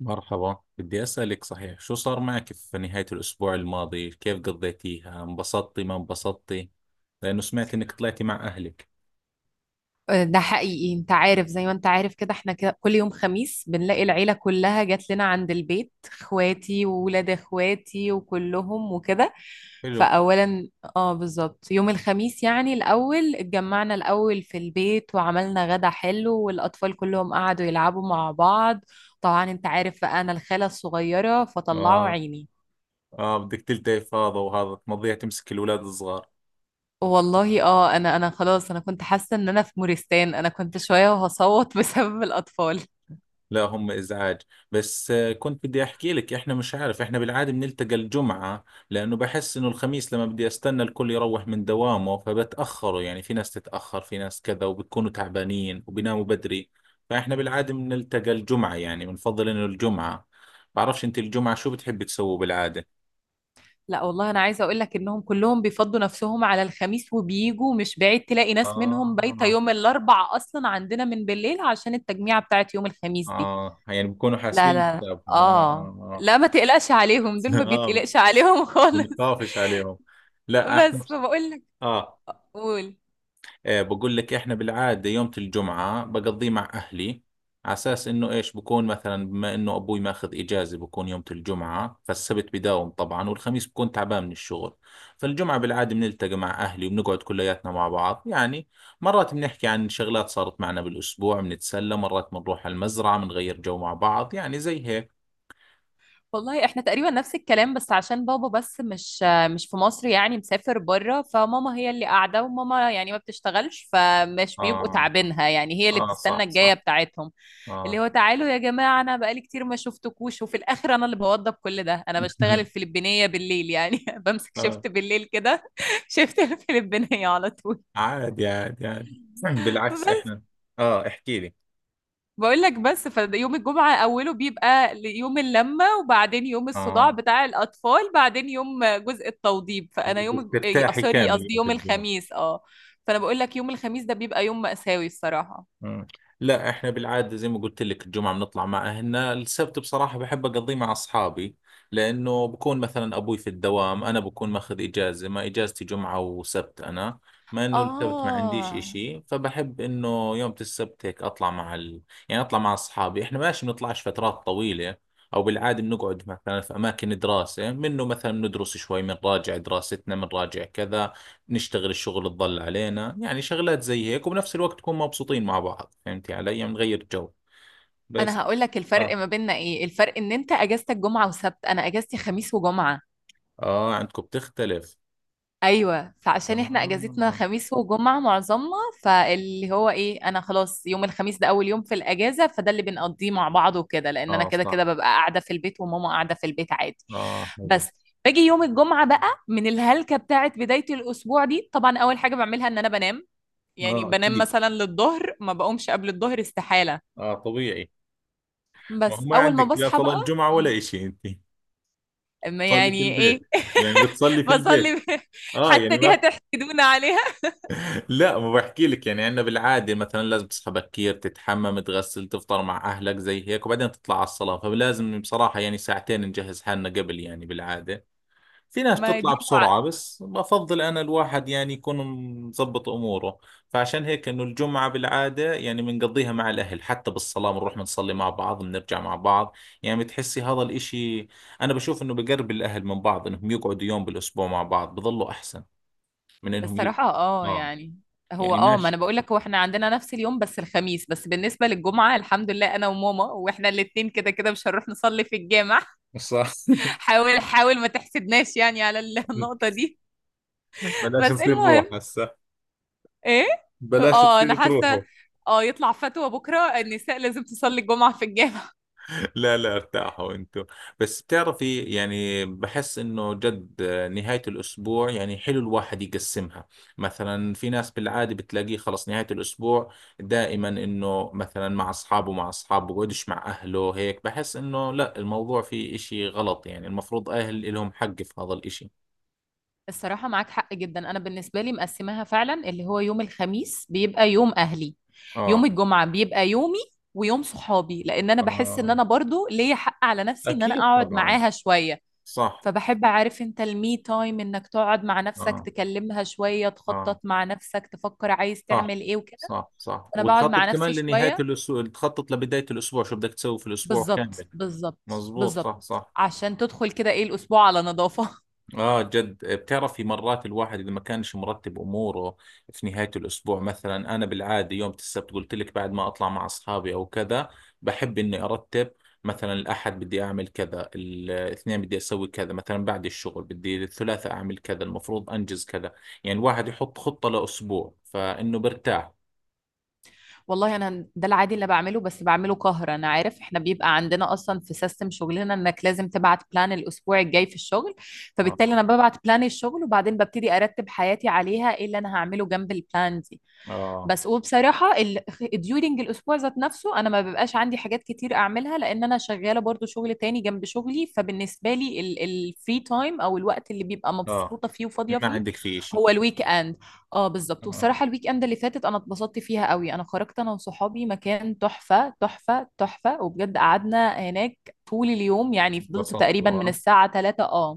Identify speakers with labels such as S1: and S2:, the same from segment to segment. S1: مرحبا، بدي أسألك صحيح شو صار معك في نهاية الأسبوع الماضي؟ كيف قضيتيها؟ انبسطتي ما انبسطتي؟ لأنه سمعت إنك طلعتي مع أهلك.
S2: ده حقيقي انت عارف زي ما انت عارف كده احنا كده كل يوم خميس بنلاقي العيلة كلها جات لنا عند البيت، اخواتي وولاد اخواتي وكلهم وكده.
S1: حلو.
S2: فأولا، اه بالظبط يوم الخميس. يعني الأول اتجمعنا الأول في البيت، وعملنا غدا حلو، والأطفال كلهم قعدوا يلعبوا مع بعض. طبعا انت عارف بقى، انا الخالة الصغيرة، فطلعوا
S1: آه.
S2: عيني.
S1: آه، بدك تلتقي فاضة وهذا تمضيها تمسك الأولاد الصغار.
S2: والله انا خلاص، انا كنت حاسة ان انا في مورستان، انا كنت شوية وهصوت بسبب الأطفال.
S1: لا، هم ازعاج. بس كنت بدي احكي لك، احنا مش عارف، احنا بالعاده بنلتقى الجمعه، لانه بحس انه الخميس لما بدي استنى الكل يروح من دوامه فبتاخروا، يعني في ناس تتاخر في ناس كذا، وبتكونوا تعبانين وبيناموا بدري. فاحنا بالعاده بنلتقى الجمعه، يعني بنفضل انه الجمعه. بعرفش انت الجمعه شو بتحب تسووا بالعاده؟
S2: لا والله، انا عايزه اقول لك انهم كلهم بيفضوا نفسهم على الخميس وبيجوا، مش بعيد تلاقي ناس منهم بايته
S1: اه.
S2: يوم الاربع اصلا عندنا من بالليل عشان التجميعه بتاعت يوم الخميس دي.
S1: اه، يعني بكونوا
S2: لا،
S1: حاسبين
S2: لا، لا.
S1: حسابهم، اه.
S2: اه.
S1: اه،
S2: لا، ما تقلقش عليهم، دول
S1: اه،
S2: ما
S1: آه.
S2: بيتقلقش عليهم خالص.
S1: بنخافش عليهم. لا احنا.
S2: بس فبقول لك.
S1: اه.
S2: قول.
S1: إيه، بقول لك احنا بالعادة يوم الجمعة بقضيه مع اهلي، على اساس انه ايش، بكون مثلا بما انه ابوي ماخذ اجازة بكون يوم الجمعة، فالسبت بداوم طبعا، والخميس بكون تعبان من الشغل. فالجمعة بالعادة بنلتقي مع اهلي وبنقعد كلياتنا مع بعض يعني. مرات بنحكي عن شغلات صارت معنا بالاسبوع، بنتسلى، مرات بنروح على المزرعة بنغير جو مع بعض، يعني زي هيك.
S2: والله احنا تقريبا نفس الكلام، بس عشان بابا بس مش في مصر، يعني مسافر بره، فماما هي اللي قاعده، وماما يعني ما بتشتغلش، فمش بيبقوا
S1: اه.
S2: تعبينها، يعني هي اللي
S1: اه،
S2: بتستنى
S1: صح
S2: الجايه
S1: صح.
S2: بتاعتهم. اللي
S1: اه.
S2: هو تعالوا يا جماعه، انا بقالي كتير ما شفتكوش، وفي الاخر انا اللي بوضب كل ده. انا بشتغل الفلبينيه بالليل يعني بمسك
S1: اه.
S2: شفت بالليل كده شفت الفلبينيه على طول.
S1: عادي عادي عادي. بالعكس احنا. اه، احكي لي.
S2: بقول لك بس، فيوم الجمعة أوله بيبقى يوم اللمة، وبعدين يوم الصداع
S1: اه،
S2: بتاع الأطفال، بعدين يوم جزء التوضيب. فأنا
S1: بدك
S2: إيه،
S1: ترتاحي
S2: سوري،
S1: كامل
S2: قصدي
S1: يوم
S2: يوم
S1: الجمعة.
S2: الخميس اه فأنا بقول لك يوم الخميس ده بيبقى يوم مأساوي، الصراحة.
S1: مم. لا احنا بالعادة زي ما قلت لك الجمعة بنطلع مع اهلنا، السبت بصراحة بحب اقضيه مع اصحابي، لانه بكون مثلا ابوي في الدوام، انا بكون ماخذ اجازة، ما اجازتي جمعة وسبت انا. ما انه السبت ما عنديش
S2: آه.
S1: اشي، فبحب انه يوم السبت هيك اطلع مع ال... يعني اطلع مع اصحابي، احنا ماشي بنطلعش فترات طويلة. او بالعادة بنقعد مثلا في اماكن دراسة، منه مثلا بندرس شوي، بنراجع دراستنا، بنراجع كذا، نشتغل الشغل الضل علينا، يعني شغلات زي هيك، وبنفس الوقت نكون مبسوطين مع بعض. فهمتي علي؟ نغير جو بس.
S2: أنا هقول لك الفرق
S1: اه.
S2: ما بيننا إيه. الفرق إن أنت أجازتك جمعة وسبت، أنا أجازتي خميس وجمعة.
S1: اه، عندكم بتختلف.
S2: ايوه، فعشان احنا اجازتنا
S1: اه.
S2: خميس وجمعه معظمنا، فاللي هو ايه، انا خلاص يوم الخميس ده اول يوم في الاجازه، فده اللي بنقضيه مع بعض وكده، لان انا
S1: اه،
S2: كده كده
S1: صح.
S2: ببقى قاعده في البيت، وماما قاعده في البيت عادي.
S1: اه، حلو.
S2: بس باجي يوم الجمعه بقى، من الهلكه بتاعت بدايه الاسبوع دي، طبعا اول حاجه بعملها ان انا بنام. يعني
S1: اه،
S2: بنام
S1: اكيد.
S2: مثلا للظهر، ما بقومش قبل الظهر استحاله.
S1: اه، طبيعي. ما هو
S2: بس
S1: ما
S2: اول ما
S1: عندك لا
S2: بصحى
S1: صلاة
S2: بقى،
S1: جمعة ولا اشي انت،
S2: أما
S1: تصلي في
S2: يعني
S1: البيت،
S2: ايه
S1: يعني بتصلي في البيت.
S2: بصلي.
S1: اه
S2: حتى
S1: يعني
S2: دي
S1: ما...
S2: هتحسدونا عليها.
S1: لا، ما بحكي لك، يعني عندنا بالعادة مثلا لازم تصحى بكير، تتحمم، تغسل، تفطر مع اهلك زي هيك، وبعدين تطلع على الصلاة. فلازم بصراحة يعني ساعتين نجهز حالنا قبل، يعني بالعادة. في ناس
S2: ما
S1: بتطلع
S2: دي.
S1: بسرعة، بس بفضل أنا الواحد يعني يكون مظبط أموره. فعشان هيك إنه الجمعة بالعادة يعني بنقضيها مع الأهل، حتى بالصلاة بنروح بنصلي مع بعض، بنرجع مع بعض. يعني بتحسي هذا الإشي، أنا بشوف إنه بقرب الأهل من بعض إنهم يقعدوا يوم بالأسبوع مع بعض، بظلوا أحسن من إنهم
S2: الصراحة
S1: آه،
S2: يعني، هو
S1: يعني
S2: ما انا
S1: ماشي.
S2: بقول لك، هو احنا عندنا نفس اليوم بس الخميس، بس بالنسبة للجمعة الحمد لله انا وماما واحنا الاتنين كده كده مش هنروح نصلي في الجامع.
S1: صح.
S2: حاول حاول ما تحسدناش يعني على النقطة دي.
S1: بلاش
S2: بس
S1: تصير روح
S2: المهم.
S1: هسه.
S2: ايه؟
S1: بلاش
S2: اه انا
S1: تصير تروحوا.
S2: حاسة اه يطلع فتوى بكرة النساء لازم تصلي الجمعة في الجامع.
S1: لا لا، ارتاحوا انتوا. بس بتعرفي، يعني بحس انه جد نهاية الاسبوع يعني حلو الواحد يقسمها. مثلا في ناس بالعادة بتلاقيه خلص نهاية الاسبوع دائما انه مثلا مع اصحابه، بقعدش مع اهله هيك. بحس انه لا، الموضوع فيه اشي غلط، يعني المفروض اهل لهم حق في هذا الاشي.
S2: الصراحة معاك حق جدا. أنا بالنسبة لي مقسماها فعلا، اللي هو يوم الخميس بيبقى يوم أهلي، يوم
S1: اه.
S2: الجمعة بيبقى يومي ويوم صحابي، لأن أنا بحس إن
S1: آه،
S2: أنا برضو ليا حق على نفسي إن أنا
S1: أكيد
S2: أقعد
S1: طبعا.
S2: معاها شوية.
S1: صح.
S2: فبحب أعرف أنت، المي تايم إنك تقعد مع نفسك
S1: آه
S2: تكلمها شوية، تخطط
S1: آه.
S2: مع نفسك تفكر عايز
S1: صح
S2: تعمل إيه وكده.
S1: صح صح.
S2: أنا بقعد
S1: وتخطط
S2: مع
S1: كمان
S2: نفسي
S1: لنهاية
S2: شوية.
S1: الأسبوع، تخطط لبداية الأسبوع شو بدك تسوي في الأسبوع
S2: بالظبط
S1: كامل.
S2: بالظبط
S1: مظبوط،
S2: بالظبط،
S1: صح صح.
S2: عشان تدخل كده إيه الأسبوع على نظافة.
S1: آه جد، بتعرفي مرات الواحد إذا ما كانش مرتب أموره في نهاية الأسبوع، مثلا أنا بالعادة يوم السبت قلت لك بعد ما أطلع مع أصحابي أو كذا، بحب إني أرتب. مثلا الأحد بدي أعمل كذا، الاثنين بدي أسوي كذا، مثلا بعد الشغل بدي الثلاثاء أعمل كذا، المفروض أنجز كذا، يعني الواحد يحط خطة لأسبوع فإنه برتاح.
S2: والله انا ده العادي اللي بعمله، بس بعمله قهر. انا عارف، احنا بيبقى عندنا اصلا في سيستم شغلنا انك لازم تبعت بلان الاسبوع الجاي في الشغل،
S1: آه.
S2: فبالتالي انا ببعت بلان الشغل وبعدين ببتدي ارتب حياتي عليها ايه اللي انا هعمله جنب البلان دي.
S1: آه.
S2: بس وبصراحة during الأسبوع ذات نفسه أنا ما ببقاش عندي حاجات كتير أعملها، لأن أنا شغالة برضو شغل تاني جنب شغلي. فبالنسبة لي الفري تايم أو الوقت اللي بيبقى
S1: اه،
S2: مبسوطة فيه وفاضية
S1: ما
S2: فيه
S1: عندك فيه شيء.
S2: هو الويك إند. اه، بالظبط.
S1: انا
S2: والصراحة الويك إند اللي فاتت أنا اتبسطت فيها قوي، أنا خرجت أنا وصحابي مكان تحفة تحفة تحفة، وبجد قعدنا هناك طول اليوم، يعني فضلت
S1: انبسطت،
S2: تقريبا
S1: آه.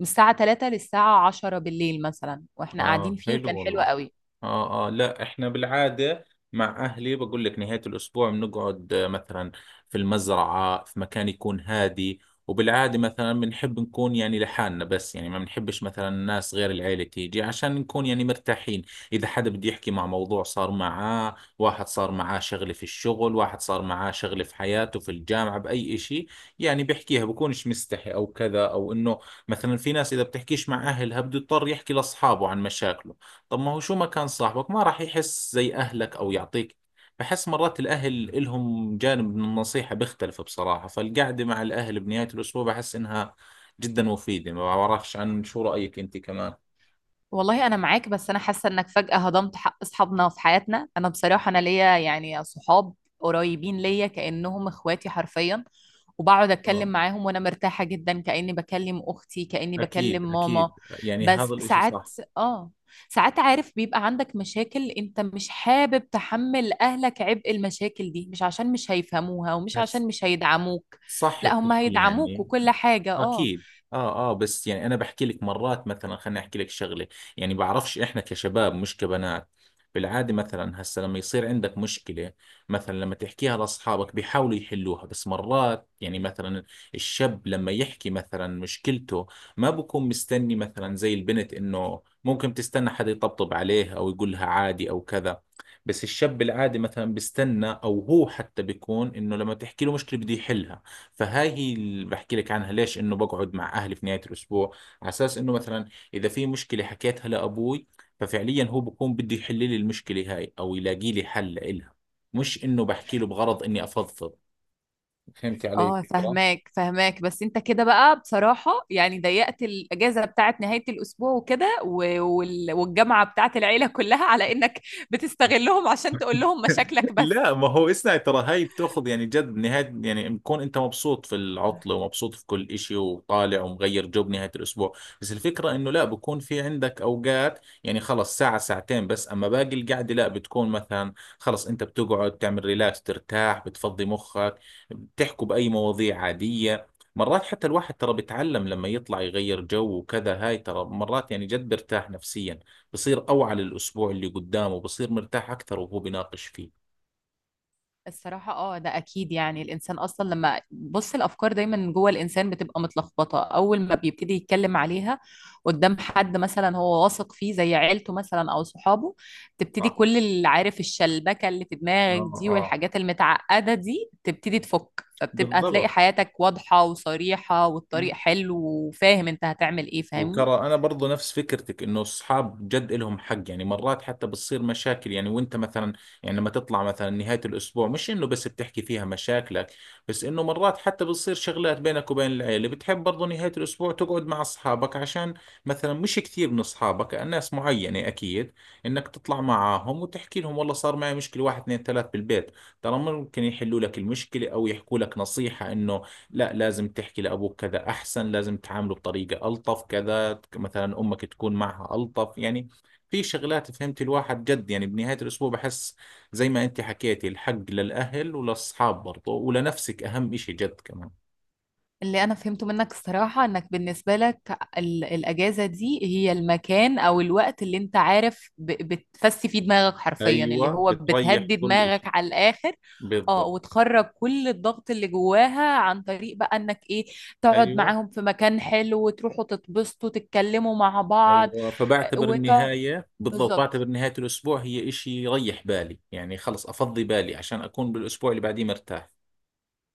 S2: من الساعة 3 للساعة 10 بالليل مثلا واحنا قاعدين
S1: اه،
S2: فيه،
S1: حلو
S2: وكان حلو
S1: والله.
S2: قوي.
S1: اه اه، لا احنا بالعادة مع اهلي، بقول لك نهاية الاسبوع بنقعد مثلا في المزرعة، في مكان يكون هادي. وبالعادة مثلا بنحب نكون يعني لحالنا بس، يعني ما بنحبش مثلا الناس غير العيلة تيجي، عشان نكون يعني مرتاحين. اذا حدا بده يحكي مع موضوع صار معاه، واحد صار معاه شغلة في الشغل، واحد صار معاه شغلة في حياته، في الجامعة بأي اشي، يعني بيحكيها بكونش مستحي او كذا او انه. مثلا في ناس إذا بتحكيش مع أهلها بده يضطر يحكي لأصحابه عن مشاكله. طب ما هو، شو ما كان صاحبك ما راح يحس زي أهلك أو يعطيك. بحس مرات الأهل إلهم جانب من النصيحة بيختلف بصراحة. فالقعدة مع الأهل بنهاية الأسبوع بحس إنها جدا مفيدة. ما بعرفش عن شو رأيك أنت كمان.
S2: والله انا معاك، بس انا حاسه انك فجاه هضمت حق اصحابنا في حياتنا. انا بصراحه انا ليا يعني صحاب قريبين ليا كانهم اخواتي حرفيا، وبقعد اتكلم
S1: آه.
S2: معاهم وانا مرتاحه جدا، كاني بكلم اختي، كاني
S1: أكيد
S2: بكلم ماما.
S1: أكيد، يعني
S2: بس
S1: هذا الإشي صح.
S2: اه ساعات عارف بيبقى عندك مشاكل، انت مش حابب تحمل اهلك عبء المشاكل دي، مش عشان مش هيفهموها ومش
S1: هس-
S2: عشان مش هيدعموك.
S1: صح،
S2: لا، هم
S1: بتحكي
S2: هيدعموك
S1: يعني.
S2: وكل حاجه اه
S1: اكيد. اه اه، بس يعني انا بحكي لك مرات، مثلا خليني احكي لك شغله. يعني بعرفش احنا كشباب مش كبنات، بالعاده مثلا هسه لما يصير عندك مشكله، مثلا لما تحكيها لاصحابك بيحاولوا يحلوها. بس مرات يعني مثلا الشاب لما يحكي مثلا مشكلته ما بكون مستني مثلا زي البنت انه ممكن تستنى حدا يطبطب عليه او يقولها عادي او كذا. بس الشاب العادي مثلا بيستنى، او هو حتى بيكون انه لما تحكي له مشكله بده يحلها. فهاي هي اللي بحكي لك عنها، ليش انه بقعد مع اهلي في نهايه الاسبوع، على اساس انه مثلا اذا في مشكله حكيتها لابوي، ففعليا هو بكون بده يحل لي المشكله هاي او يلاقي لي حل لها، مش انه بحكي له بغرض اني افضفض. فهمتي علي
S2: اه،
S1: الفكره؟
S2: فهماك فهماك. بس انت كده بقى بصراحة يعني ضيقت الأجازة بتاعت نهاية الأسبوع وكده، والجامعة بتاعت العيلة كلها على إنك بتستغلهم عشان تقول لهم مشاكلك بس.
S1: لا، ما هو اسمع، ترى هاي بتاخذ يعني جد نهاية، يعني بكون انت مبسوط في العطلة ومبسوط في كل اشي وطالع ومغير جو بنهاية الاسبوع. بس الفكرة انه لا، بكون في عندك اوقات، يعني خلص ساعة ساعتين بس، اما باقي القعدة لا، بتكون مثلا خلص انت بتقعد تعمل ريلاكس، ترتاح، بتفضي مخك، بتحكوا بأي مواضيع عادية. مرات حتى الواحد ترى بيتعلم لما يطلع يغير جو وكذا، هاي ترى مرات يعني جد بيرتاح نفسيا، بصير أوعى للأسبوع اللي قدامه، بصير مرتاح أكثر وهو بيناقش فيه.
S2: الصراحة ده أكيد، يعني الإنسان أصلا لما بص، الأفكار دايما جوه الإنسان بتبقى متلخبطة، أول ما بيبتدي يتكلم عليها قدام حد مثلا هو واثق فيه زي عيلته مثلا أو صحابه، تبتدي
S1: صح.
S2: كل اللي عارف الشلبكة اللي في
S1: اه
S2: دماغك دي
S1: اه،
S2: والحاجات المتعقدة دي تبتدي تفك، فبتبقى تلاقي
S1: بالضبط.
S2: حياتك واضحة وصريحة والطريق حلو وفاهم أنت هتعمل إيه، فاهمني؟
S1: وترى انا برضو نفس فكرتك، انه الصحاب جد لهم حق. يعني مرات حتى بتصير مشاكل، يعني وانت مثلا يعني لما تطلع مثلا نهاية الاسبوع مش انه بس بتحكي فيها مشاكلك، بس انه مرات حتى بتصير شغلات بينك وبين العيلة، بتحب برضو نهاية الاسبوع تقعد مع اصحابك، عشان مثلا مش كثير من اصحابك، ناس معينة اكيد، انك تطلع معاهم وتحكي لهم، والله صار معي مشكلة واحد اثنين ثلاث بالبيت. ترى ممكن يحلوا لك المشكلة او يحكوا لك نصيحة انه لا لازم تحكي لأبوك كذا أحسن، لازم تعامله بطريقة ألطف كذا، مثلا أمك تكون معها ألطف، يعني في شغلات، فهمت الواحد جد يعني بنهاية الأسبوع بحس زي ما أنت حكيتي الحق للأهل وللأصحاب برضه ولنفسك، أهم إشي جد كمان.
S2: اللي انا فهمته منك الصراحة، انك بالنسبة لك الاجازة دي هي المكان او الوقت اللي انت عارف بتفسي فيه دماغك حرفيا، اللي
S1: أيوة،
S2: هو
S1: بتريح
S2: بتهدي
S1: كل
S2: دماغك
S1: إشي.
S2: على الاخر. اه،
S1: بالضبط.
S2: وتخرج كل الضغط اللي جواها عن طريق بقى انك ايه، تقعد
S1: أيوة
S2: معاهم في مكان حلو وتروحوا تتبسطوا تتكلموا مع بعض
S1: أيوة، فبعتبر
S2: وتقعد.
S1: النهاية، بالضبط
S2: بالظبط
S1: بعتبر نهاية الأسبوع هي إشي يريح بالي، يعني خلص أفضي بالي عشان أكون بالأسبوع اللي بعديه مرتاح.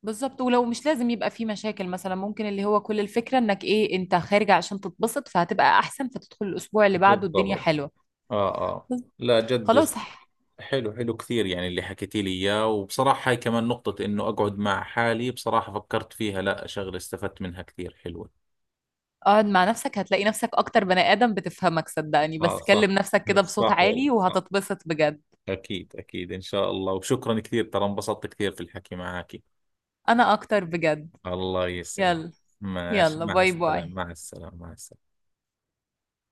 S2: بالظبط، ولو مش لازم يبقى في مشاكل مثلا، ممكن اللي هو كل الفكرة انك ايه، انت خارجة عشان تتبسط فهتبقى احسن، فتدخل الاسبوع اللي بعده الدنيا
S1: بالضبط.
S2: حلوة.
S1: آه آه. لا جد،
S2: خلاص.
S1: حلو حلو كثير يعني اللي حكيتي لي اياه. وبصراحة هاي كمان نقطة، انه اقعد مع حالي، بصراحة فكرت فيها لا، شغلة استفدت منها كثير، حلوة.
S2: اقعد مع نفسك هتلاقي نفسك اكتر بني ادم بتفهمك، صدقني.
S1: اه
S2: بس
S1: صح.
S2: كلم نفسك كده بصوت
S1: صح
S2: عالي
S1: والله، صح.
S2: وهتتبسط بجد.
S1: اكيد اكيد، ان شاء الله. وشكرا كثير، ترى انبسطت كثير في الحكي معك.
S2: انا اكتر بجد.
S1: الله يسعد.
S2: يلا.
S1: ماشي،
S2: يلا
S1: مع
S2: باي
S1: السلامة،
S2: باي.
S1: مع السلامة، مع السلامة.